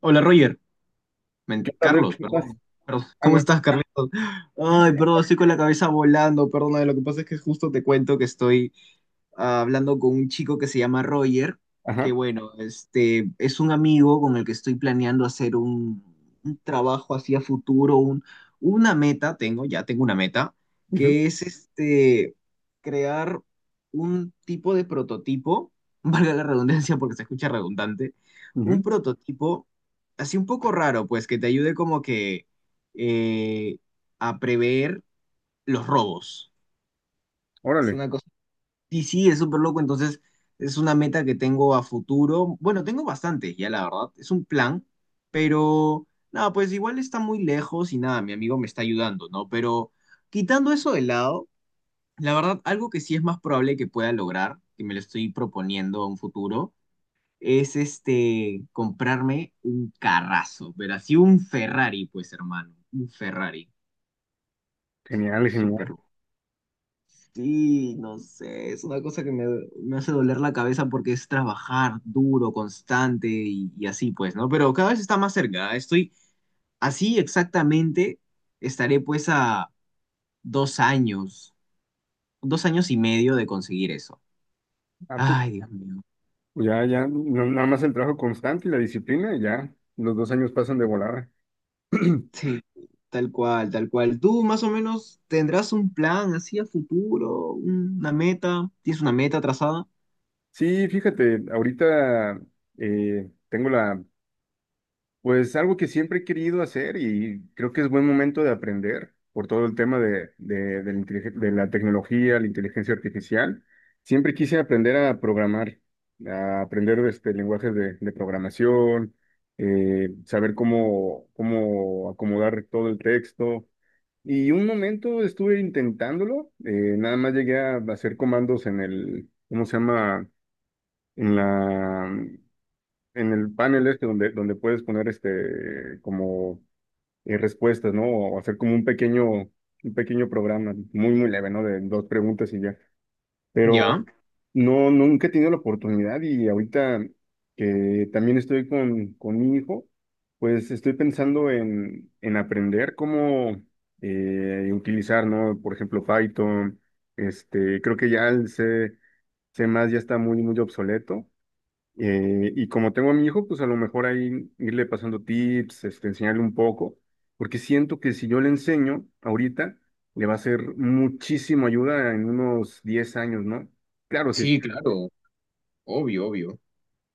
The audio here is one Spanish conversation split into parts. Hola Roger, ¿Qué tal, Adel? Carlos, ¿Cómo estás? perdón. Perdón. Ah, ¿Cómo no. estás, Carlitos? Ay, perdón, estoy con la cabeza volando, perdona, lo que pasa es que justo te cuento que estoy hablando con un chico que se llama Roger, que Ajá. bueno, este es un amigo con el que estoy planeando hacer un trabajo hacia futuro, una meta, ya tengo una meta, Ujú, que es este crear un tipo de prototipo, valga la redundancia porque se escucha redundante, un ujú. prototipo así un poco raro, pues que te ayude como que eh, a prever los robos. Es Órale. una cosa y sí, es súper loco, entonces es una meta que tengo a futuro. Bueno, tengo bastantes ya, la verdad, es un plan, pero nada, pues igual está muy lejos y nada, mi amigo me está ayudando, ¿no? Pero quitando eso de lado, la verdad, algo que sí es más probable que pueda lograr, que me lo estoy proponiendo a un futuro, es este, comprarme un carrazo, pero así un Ferrari, pues hermano, un Ferrari, Genial, genial. súper. Sí, no sé, es una cosa que me hace doler la cabeza porque es trabajar duro, constante y así pues, ¿no? Pero cada vez está más cerca, estoy así exactamente, estaré pues a dos años, dos años y medio de conseguir eso. Ah, pues, Ay, Dios mío. ya, ya, nada más el trabajo constante y la disciplina, y ya, los 2 años pasan de volada. Sí, tal cual, tal cual. ¿Tú más o menos tendrás un plan así a futuro, una meta? ¿Tienes una meta trazada? Sí, fíjate, ahorita. Tengo la Pues algo que siempre he querido hacer y creo que es buen momento de aprender por todo el tema de la tecnología, la inteligencia artificial. Siempre quise aprender a programar, a aprender este, lenguajes de programación, saber cómo acomodar todo el texto. Y un momento estuve intentándolo, nada más llegué a hacer comandos en el, ¿cómo se llama? En la en el panel este donde, puedes poner este como respuestas, ¿no? O hacer como un pequeño, programa, muy, muy leve, ¿no? De dos preguntas y ya. Pero Ya, no, nunca he tenido la oportunidad y ahorita que también estoy con mi hijo, pues estoy pensando en aprender cómo utilizar, ¿no? Por ejemplo, Python, este, creo que ya el C, C++ ya está muy, muy obsoleto y como tengo a mi hijo, pues a lo mejor ahí irle pasando tips, este, enseñarle un poco, porque siento que si yo le enseño ahorita, le va a ser muchísimo ayuda en unos 10 años, ¿no? Claro, sí. sí, claro, obvio, obvio.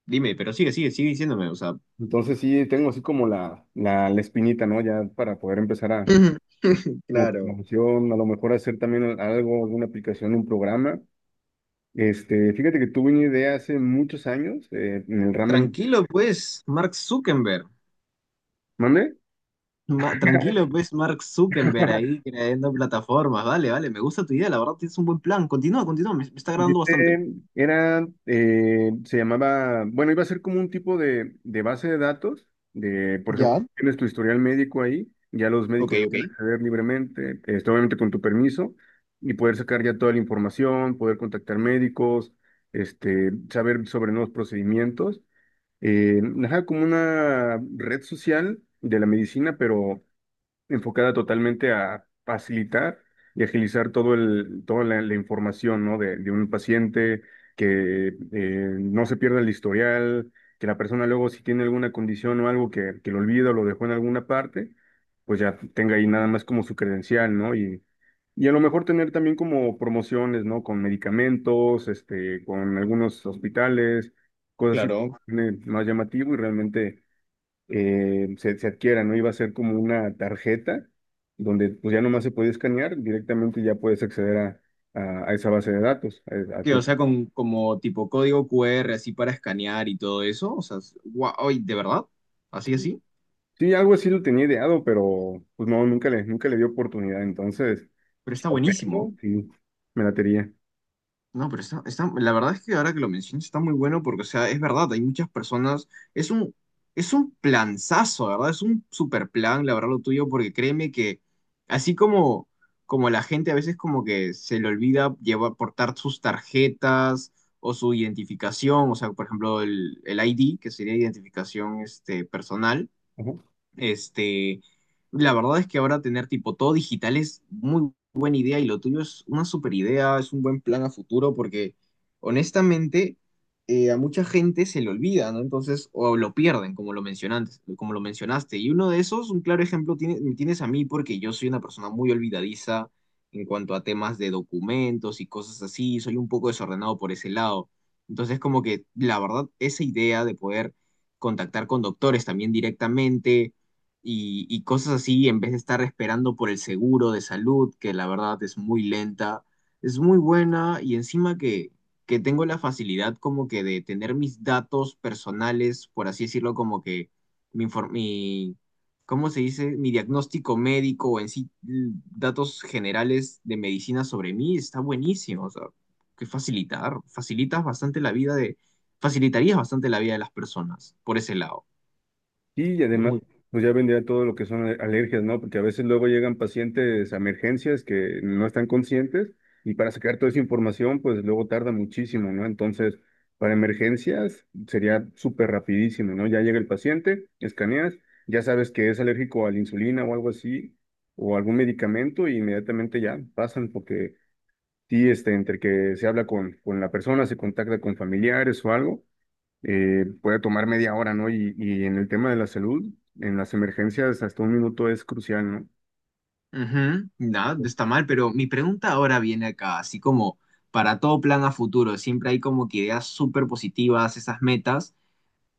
Dime, pero sigue, sigue, sigue diciéndome, o sea. Entonces sí, tengo así como la espinita, ¿no? Ya para poder empezar a, como Claro. promoción, a lo mejor hacer también algo, alguna aplicación, un programa. Este, fíjate que tuve una idea hace muchos años, en el ramo. Tranquilo, pues, Mark Zuckerberg. ¿Mande? Tranquilo, pues, Mark Zuckerberg ahí creando plataformas. Vale, vale, me gusta tu idea, la verdad tienes un buen plan. Continúa, continúa, me está Y agradando bastante. este era, se llamaba, bueno, iba a ser como un tipo de base de datos. De, por ejemplo, Ya, tienes tu historial médico ahí, ya los ok, médicos ok, pueden acceder libremente, este, obviamente con tu permiso, y poder sacar ya toda la información, poder contactar médicos, este, saber sobre nuevos procedimientos. Ajá, como una red social de la medicina, pero enfocada totalmente a facilitar y agilizar todo el, toda la información, ¿no? de un paciente, que no se pierda el historial, que la persona luego si tiene alguna condición o algo que lo olvida o lo dejó en alguna parte, pues ya tenga ahí nada más como su credencial, ¿no? Y a lo mejor tener también como promociones, ¿no? Con medicamentos, este, con algunos hospitales, cosas así, claro. Más llamativo y realmente se adquiera, ¿no? Iba a ser como una tarjeta donde pues ya nomás se podía escanear, directamente ya puedes acceder a esa base de datos. Que, o sea, con como tipo código QR así para escanear y todo eso. O sea, guau, ay, ¿de verdad? Así, así. Sí, algo así lo tenía ideado, pero pues no, nunca le, di oportunidad. Entonces, Pero si está aprendo, buenísimo. sí, me la tenía. No, pero está, está, la verdad es que ahora que lo mencionas está muy bueno porque, o sea, es verdad, hay muchas personas, es un planzazo, ¿verdad? Es un super plan, la verdad, lo tuyo, porque créeme que así como, como la gente a veces como que se le olvida llevar, portar sus tarjetas o su identificación, o sea, por ejemplo, el ID, que sería identificación este, personal, este, la verdad es que ahora tener tipo todo digital es muy buena idea y lo tuyo es una super idea, es un buen plan a futuro porque honestamente a mucha gente se le olvida, ¿no? Entonces, o lo pierden, como lo mencionaste, como lo mencionaste. Y uno de esos, un claro ejemplo, me tienes a mí porque yo soy una persona muy olvidadiza en cuanto a temas de documentos y cosas así, soy un poco desordenado por ese lado. Entonces, como que la verdad, esa idea de poder contactar con doctores también directamente y cosas así, en vez de estar esperando por el seguro de salud, que la verdad es muy lenta, es muy buena y encima que tengo la facilidad como que de tener mis datos personales, por así decirlo, como que mi ¿cómo se dice? Mi diagnóstico médico o en sí datos generales de medicina sobre mí está buenísimo, o sea, que facilitar, facilitas bastante la vida de, facilitarías bastante la vida de las personas por ese lado. Y Es además, muy pues ya vendría todo lo que son alergias, ¿no? Porque a veces luego llegan pacientes a emergencias que no están conscientes y para sacar toda esa información, pues luego tarda muchísimo, ¿no? Entonces, para emergencias sería súper rapidísimo, ¿no? Ya llega el paciente, escaneas, ya sabes que es alérgico a la insulina o algo así, o algún medicamento, y inmediatamente ya pasan porque sí, este, entre que se habla con la persona, se contacta con familiares o algo puede tomar media hora, ¿no? Y en el tema de la salud, en las emergencias, hasta un minuto es crucial, ujú, nada, no ¿no? está mal, pero mi pregunta ahora viene acá, así como para todo plan a futuro, siempre hay como que ideas súper positivas, esas metas,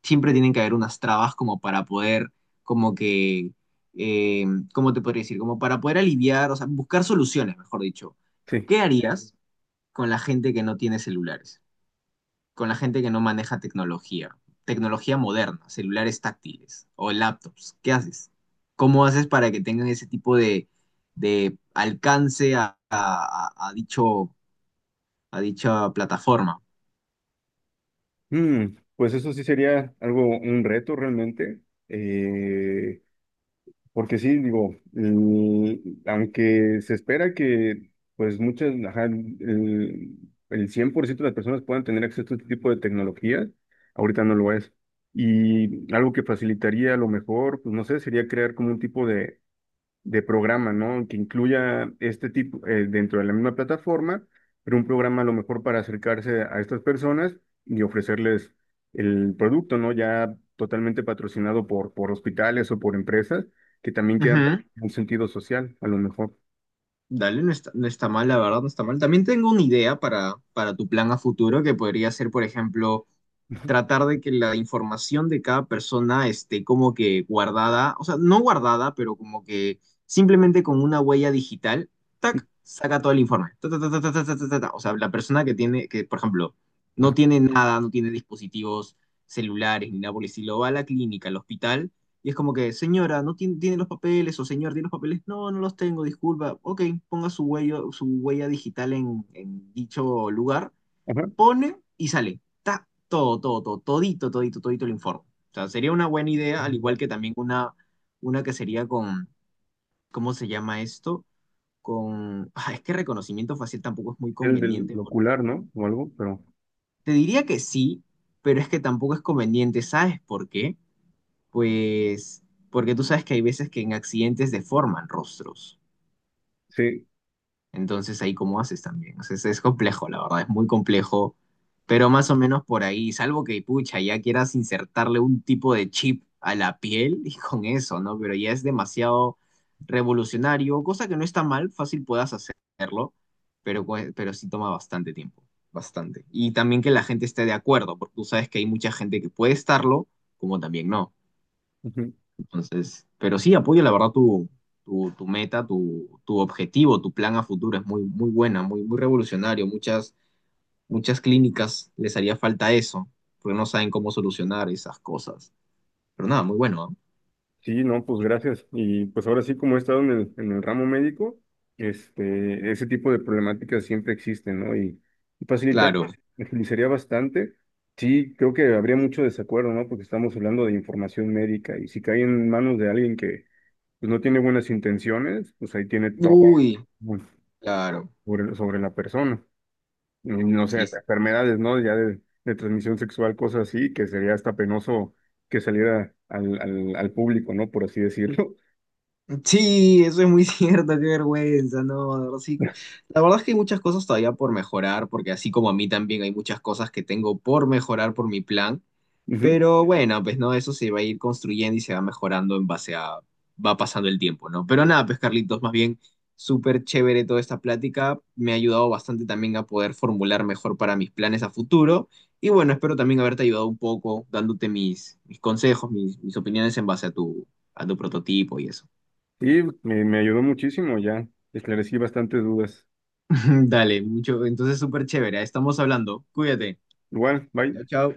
siempre tienen que haber unas trabas como para poder, como que, eh, ¿cómo te podría decir? Como para poder aliviar, o sea, buscar soluciones, mejor dicho. Sí. ¿Qué harías con la gente que no tiene celulares? Con la gente que no maneja tecnología, tecnología moderna, celulares táctiles o laptops. ¿Qué haces? ¿Cómo haces para que tengan ese tipo de alcance dicho, a dicha plataforma? Pues eso sí sería algo, un reto realmente, eh, porque sí, digo, aunque se espera que, pues muchas, ajá, el 100% de las personas puedan tener acceso a este tipo de tecnología, ahorita no lo es. Y algo que facilitaría a lo mejor, pues no sé, sería crear como un tipo de programa, ¿no? Que incluya este tipo dentro de la misma plataforma, pero un programa a lo mejor para acercarse a estas personas y ofrecerles el producto, ¿no? Ya totalmente patrocinado por hospitales o por empresas que también quieran un sentido social, a lo mejor. Dale, no está, no está mal, la verdad, no está mal. También tengo una idea para tu plan a futuro que podría ser, por ejemplo, tratar de que la información de cada persona esté como que guardada, o sea, no guardada, pero como que simplemente con una huella digital, tac, saca todo el informe. Ta, ta, ta, ta, ta, ta, ta, ta, ta, ta. O sea, la persona que tiene, que por ejemplo, no tiene nada, no tiene dispositivos celulares ni nada por el estilo, va a la clínica, al hospital y es como que, señora, ¿no tiene, tiene los papeles? O señor, ¿tiene los papeles? No, no los tengo, disculpa. Ok, ponga su huella digital en dicho lugar. Ajá. Pone y sale. Ta, todo, todo, todo, todito, todito, todito el informe. O sea, sería una buena idea, al igual que también una que sería con, ¿cómo se llama esto? Con, ah, es que reconocimiento facial tampoco es muy El del conveniente. ocular, ¿no? O algo, pero Te diría que sí, pero es que tampoco es conveniente. ¿Sabes por qué? Pues porque tú sabes que hay veces que en accidentes deforman rostros. sí. Entonces ahí cómo haces también. O sea, es complejo, la verdad, es muy complejo. Pero más o menos por ahí, salvo que, pucha, ya quieras insertarle un tipo de chip a la piel y con eso, ¿no? Pero ya es demasiado revolucionario, cosa que no está mal, fácil puedas hacerlo, pero, pero sí toma bastante tiempo, bastante. Y también que la gente esté de acuerdo, porque tú sabes que hay mucha gente que puede estarlo, como también no. Entonces, pero sí, apoyo la verdad tu meta, tu objetivo, tu plan a futuro. Es muy, muy buena, muy, muy revolucionario. Muchas, muchas clínicas les haría falta eso, porque no saben cómo solucionar esas cosas. Pero nada, muy bueno, ¿ah? Sí, no, pues gracias. Y pues ahora sí, como he estado en el ramo médico, este, ese tipo de problemáticas siempre existen, ¿no? Y facilitar, Claro. me facilitaría bastante. Sí, creo que habría mucho desacuerdo, ¿no? Porque estamos hablando de información médica y si cae en manos de alguien que pues, no tiene buenas intenciones, pues ahí tiene todo Uy, pues, claro. sobre la persona. Y no sé, Sí. hasta enfermedades, ¿no? Ya de transmisión sexual, cosas así, que sería hasta penoso que saliera al público, ¿no? Por así decirlo. Sí, eso es muy cierto, qué vergüenza, no, de verdad, sí. La verdad es que hay muchas cosas todavía por mejorar, porque así como a mí también hay muchas cosas que tengo por mejorar por mi plan. Ujú. Pero bueno, pues no, eso se va a ir construyendo y se va mejorando en base a, va pasando el tiempo, ¿no? Pero nada, pues Carlitos, más bien súper chévere toda esta plática, me ha ayudado bastante también a poder formular mejor para mis planes a futuro y bueno, espero también haberte ayudado un poco dándote mis consejos, mis opiniones en base a tu prototipo y eso. Y me ayudó muchísimo ya. Esclarecí bastantes dudas. Dale, mucho, entonces súper chévere, estamos hablando, cuídate, Igual, bye. chao, chao.